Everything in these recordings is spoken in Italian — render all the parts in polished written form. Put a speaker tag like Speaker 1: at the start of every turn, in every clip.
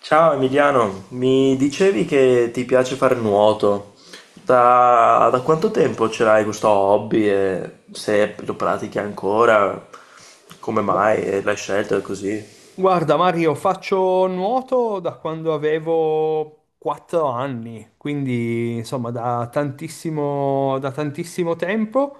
Speaker 1: Ciao Emiliano, mi dicevi che ti piace fare nuoto. Da quanto tempo ce l'hai questo hobby e se lo pratichi ancora, come
Speaker 2: Gu-
Speaker 1: mai e l'hai scelto e così?
Speaker 2: Guarda Mario, faccio nuoto da quando avevo 4 anni, quindi insomma da tantissimo tempo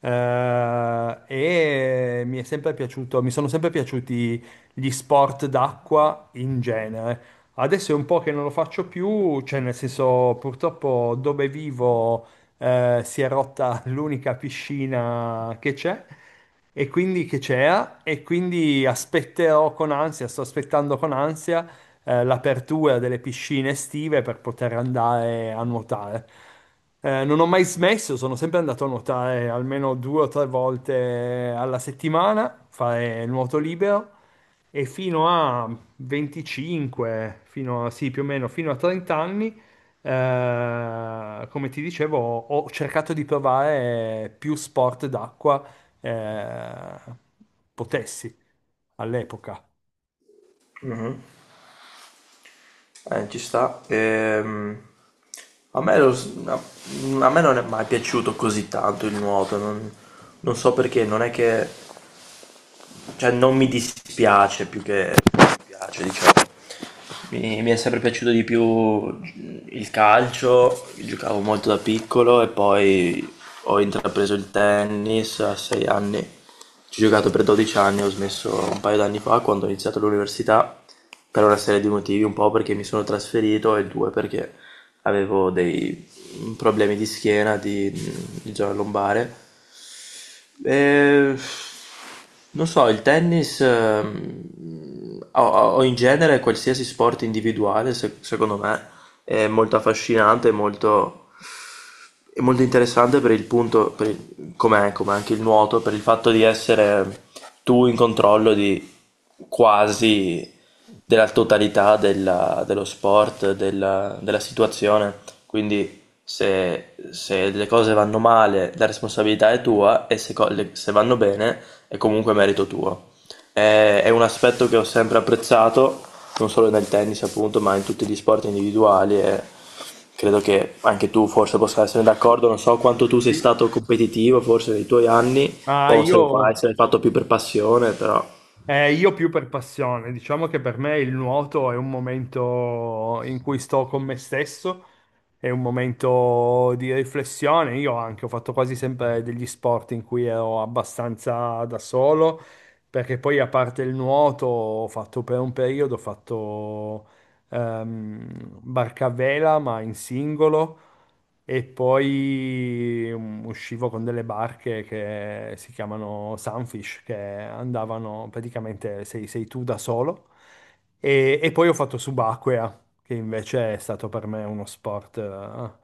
Speaker 2: eh, e mi è sempre piaciuto, mi sono sempre piaciuti gli sport d'acqua in genere. Adesso è un po' che non lo faccio più, cioè nel senso purtroppo dove vivo, si è rotta l'unica piscina che c'è e quindi che c'era e quindi aspetterò con ansia, sto aspettando con ansia, l'apertura delle piscine estive per poter andare a nuotare. Non ho mai smesso, sono sempre andato a nuotare almeno due o tre volte alla settimana, fare nuoto libero e fino a 25, fino a, sì, più o meno fino a 30 anni come ti dicevo, ho cercato di provare più sport d'acqua eh, potessi all'epoca.
Speaker 1: Ci sta. A me, lo- a- a me non è mai piaciuto così tanto il nuoto, non so perché, non è che cioè non mi dispiace più che mi piace, diciamo. Mi è sempre piaciuto di più il calcio, giocavo molto da piccolo e poi ho intrapreso il tennis a 6 anni, ci ho giocato per 12 anni, ho smesso un paio d'anni fa quando ho iniziato l'università per una serie di motivi, un po' perché mi sono trasferito e due perché avevo dei problemi di schiena, di zona lombare, eh, non so, il tennis o in genere qualsiasi sport individuale, secondo me, è molto affascinante, molto è molto interessante per come come anche il nuoto, per il fatto di essere tu in controllo di quasi della totalità dello sport, della situazione. Quindi se le cose vanno male, la responsabilità è tua e se, co- le- se vanno bene è comunque merito tuo. È un aspetto che ho sempre apprezzato, non solo nel tennis appunto, ma in tutti gli sport individuali, e credo che anche tu forse possa essere d'accordo. Non so quanto tu sei
Speaker 2: Sì.
Speaker 1: stato competitivo forse nei tuoi anni
Speaker 2: Ma
Speaker 1: o se
Speaker 2: io,
Speaker 1: lo fai, se l'hai fatto più per passione. Però
Speaker 2: Io più per passione, diciamo che per me il nuoto è un momento in cui sto con me stesso, è un momento di riflessione. Io anche ho fatto quasi sempre degli sport in cui ero abbastanza da solo, perché poi a parte il nuoto ho fatto per un periodo, ho fatto barca a vela, ma in singolo. E poi uscivo con delle barche che si chiamano Sunfish, che andavano praticamente sei tu da solo. E poi ho fatto subacquea, che invece è stato per me uno sport eh,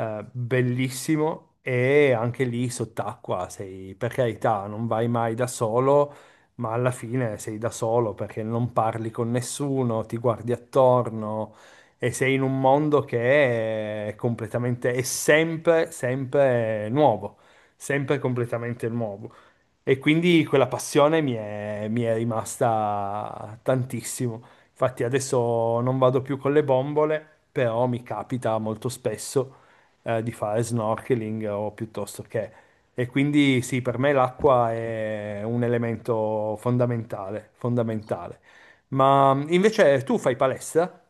Speaker 2: eh, bellissimo. E anche lì sott'acqua sei, per carità, non vai mai da solo, ma alla fine sei da solo perché non parli con nessuno, ti guardi attorno e sei in un mondo che è completamente, è sempre, sempre nuovo, sempre completamente nuovo. E quindi quella passione mi è rimasta tantissimo. Infatti adesso non vado più con le bombole, però mi capita molto spesso di fare snorkeling o piuttosto che... E quindi sì, per me l'acqua è un elemento fondamentale, fondamentale. Ma invece tu fai palestra?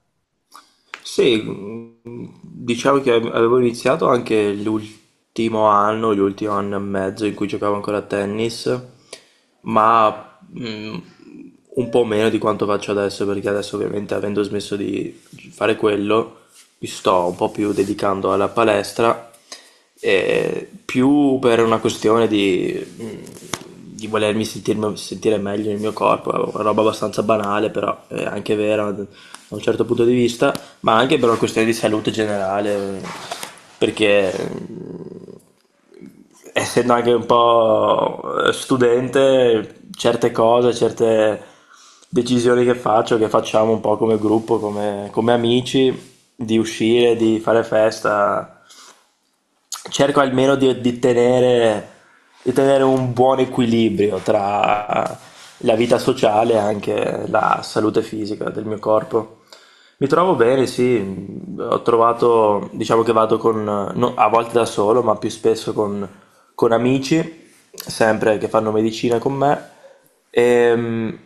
Speaker 1: sì, diciamo che avevo iniziato anche l'ultimo anno e mezzo in cui giocavo ancora a tennis, ma un po' meno di quanto faccio adesso, perché adesso ovviamente avendo smesso di fare quello, mi sto un po' più dedicando alla palestra, più per una questione di sentire meglio nel mio corpo. È una roba abbastanza banale, però è anche vera da un certo punto di vista, ma anche per una questione di salute generale, perché mm, essendo anche un po' studente, certe decisioni che faccio, che facciamo un po' come gruppo, come, come amici, di uscire, di fare festa, cerco almeno di tenere un buon equilibrio tra la vita sociale e anche la salute fisica del mio corpo. Mi trovo bene, sì, ho trovato, diciamo che vado con, no, a volte da solo, ma più spesso con amici, sempre che fanno medicina con me. Ehm,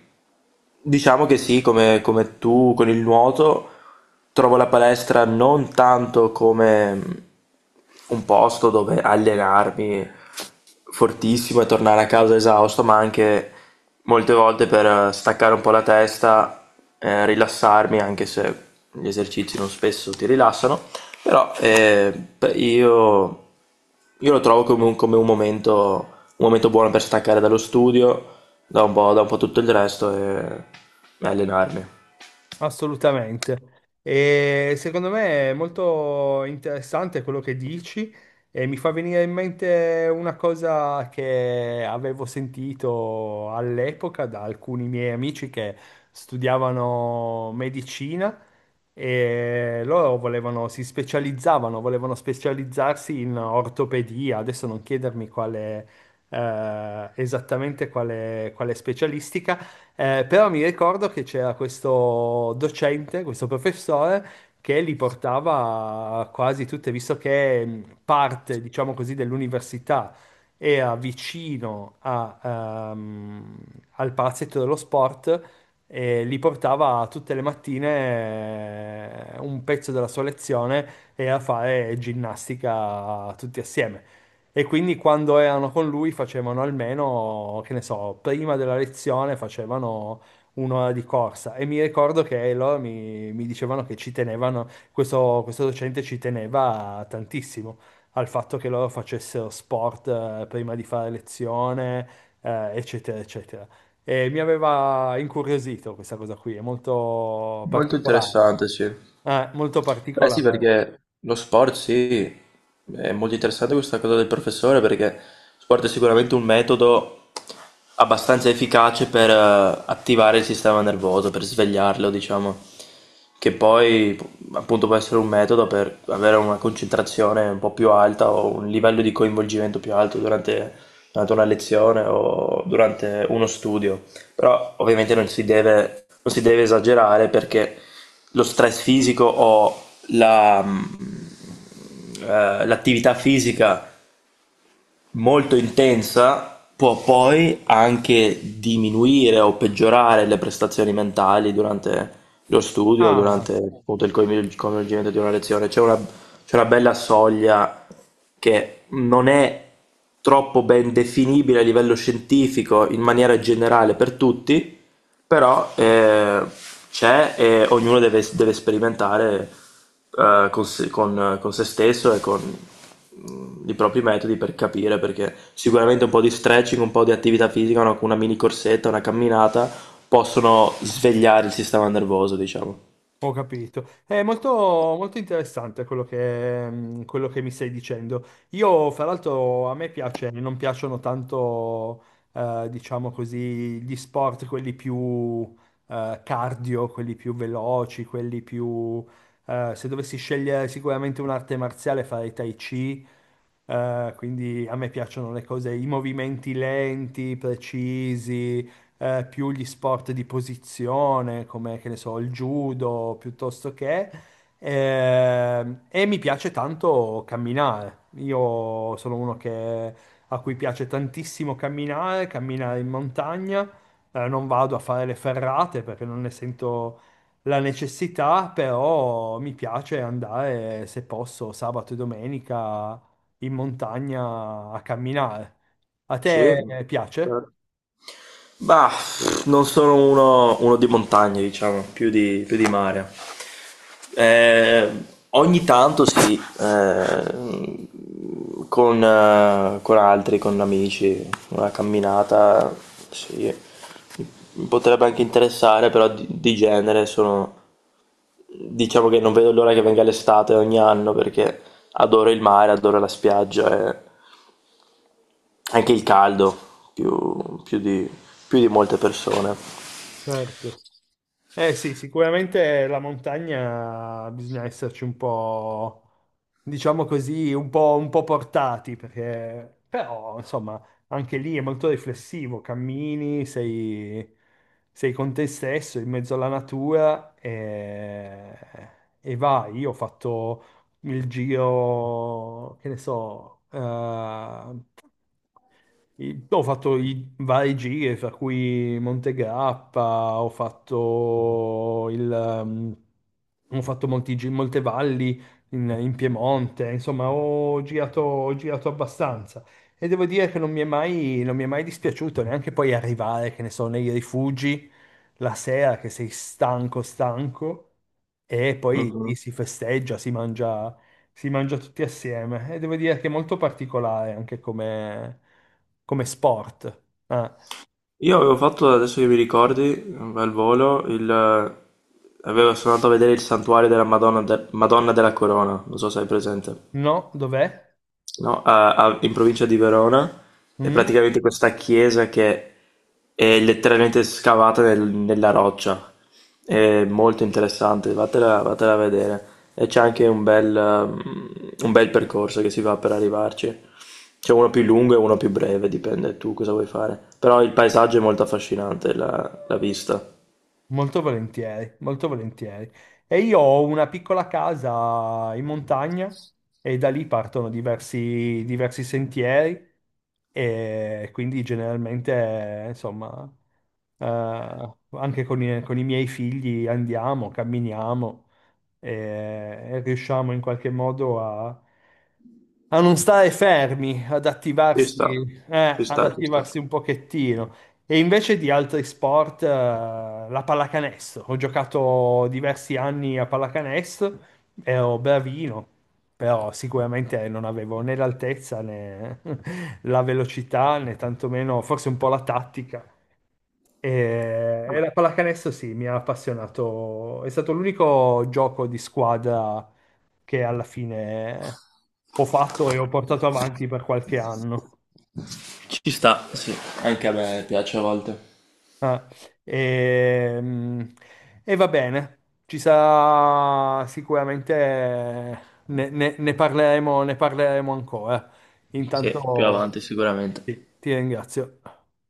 Speaker 1: Diciamo che sì, come, come tu con il nuoto, trovo la palestra non tanto come un posto dove allenarmi fortissimo e tornare a casa esausto, ma anche molte volte per staccare un po' la testa, rilassarmi, anche se gli esercizi non spesso ti rilassano, però beh, io lo trovo come come un momento buono per staccare dallo studio, da un po' tutto il resto e allenarmi.
Speaker 2: Assolutamente. E secondo me è molto interessante quello che dici e mi fa venire in mente una cosa che avevo sentito all'epoca da alcuni miei amici che studiavano medicina e loro volevano, si specializzavano, volevano specializzarsi in ortopedia. Adesso non chiedermi quale, esattamente quale specialistica però mi ricordo che c'era questo docente, questo professore, che li portava quasi tutte, visto che parte, diciamo così, dell'università era vicino a, ehm, al palazzetto dello sport e li portava tutte le mattine un pezzo della sua lezione e a fare ginnastica tutti assieme. E quindi quando erano con lui facevano almeno, che ne so, prima della lezione facevano un'ora di corsa. E mi ricordo che loro mi dicevano che ci tenevano, questo docente ci teneva tantissimo al fatto che loro facessero sport prima di fare lezione, eccetera, eccetera. E mi aveva incuriosito questa cosa qui, è molto
Speaker 1: Molto
Speaker 2: particolare.
Speaker 1: interessante, sì.
Speaker 2: Molto
Speaker 1: Beh sì,
Speaker 2: particolare.
Speaker 1: perché lo sport sì, è molto interessante questa cosa del professore, perché lo sport è sicuramente un metodo abbastanza efficace per attivare il sistema nervoso, per svegliarlo, diciamo, che poi appunto può essere un metodo per avere una concentrazione un po' più alta o un livello di coinvolgimento più alto durante una lezione o durante uno studio. Però ovviamente non si deve esagerare, perché lo stress fisico o la, mh, l'attività fisica molto intensa può poi anche diminuire o peggiorare le prestazioni mentali durante lo studio,
Speaker 2: Ah,
Speaker 1: durante appunto il coinvolgimento di una lezione. C'è una bella soglia che non è troppo ben definibile a livello scientifico in maniera generale per tutti, però c'è, e ognuno deve sperimentare, con se stesso e con i propri metodi per capire, perché sicuramente un po' di stretching, un po' di attività fisica, una mini corsetta, una camminata possono svegliare il sistema nervoso, diciamo.
Speaker 2: Ho capito. È molto, molto interessante quello che, quello che mi stai dicendo. Io, fra l'altro, a me piace, non piacciono tanto, diciamo così, gli sport, quelli più, cardio, quelli più veloci, quelli più... se dovessi scegliere sicuramente un'arte marziale, farei Tai Chi, quindi a me piacciono le cose, i movimenti lenti, precisi, più gli sport di posizione, come che ne so, il judo piuttosto che. E mi piace tanto camminare. Io sono uno che, a cui piace tantissimo camminare, camminare in montagna. Non vado a fare le ferrate perché non ne sento la necessità, però mi piace andare, se posso, sabato e domenica in montagna a camminare. A
Speaker 1: Sì,
Speaker 2: te piace?
Speaker 1: certo. Bah, non sono uno di montagna, diciamo, più di mare. Eh, ogni tanto sì, con altri, con amici, una camminata, sì, mi potrebbe anche interessare, però di genere sono... Diciamo che non vedo l'ora che venga l'estate ogni anno, perché adoro il mare, adoro la spiaggia e anche il caldo, più, più di, più di molte persone.
Speaker 2: Certo. Eh sì, sicuramente la montagna bisogna esserci un po', diciamo così, un po' portati, perché però, insomma, anche lì è molto riflessivo, cammini, sei, sei con te stesso, in mezzo alla natura e vai. Io ho fatto il giro, che ne so, Ho fatto i varie gite, fra cui Monte Grappa, ho fatto il, ho fatto molte valli in Piemonte, insomma, ho girato abbastanza. E devo dire che non mi è mai dispiaciuto neanche poi arrivare, che ne so, nei rifugi la sera che sei stanco, stanco, e poi
Speaker 1: Mhm.
Speaker 2: lì si festeggia, si mangia tutti assieme e devo dire che è molto particolare anche come, come sport. Ah,
Speaker 1: Io avevo fatto, adesso che mi ricordi, al volo, il... avevo, sono andato a vedere il santuario della Madonna, Madonna della Corona, non so se hai presente.
Speaker 2: no, dov'è?
Speaker 1: No, in provincia di Verona, è
Speaker 2: Mm?
Speaker 1: praticamente questa chiesa che è letteralmente scavata nella roccia. È molto interessante, vatela a vedere. E c'è anche un bel, un bel percorso che si va per arrivarci. C'è uno più lungo e uno più breve, dipende tu cosa vuoi fare. Però il paesaggio è molto affascinante, la vista.
Speaker 2: Molto volentieri, molto volentieri. E io ho una piccola casa in montagna e da lì partono diversi, diversi sentieri e quindi generalmente, insomma, anche con con i miei figli andiamo, camminiamo e riusciamo in qualche modo a non stare fermi,
Speaker 1: Ci sta, ci
Speaker 2: ad
Speaker 1: sta, ci sta.
Speaker 2: attivarsi un pochettino. E invece di altri sport, la pallacanestro. Ho giocato diversi anni a pallacanestro, ero bravino, però sicuramente non avevo né l'altezza né la velocità, né tantomeno forse un po' la tattica. E
Speaker 1: Vabbè.
Speaker 2: la pallacanestro sì, mi ha appassionato. È stato l'unico gioco di squadra che alla fine ho fatto e ho portato avanti per qualche anno.
Speaker 1: Ci sta, sì, anche a me piace a volte.
Speaker 2: Ah, e, e va bene, ci sarà sicuramente ne parleremo ancora.
Speaker 1: Sì, più
Speaker 2: Intanto
Speaker 1: avanti sicuramente.
Speaker 2: sì, ti ringrazio.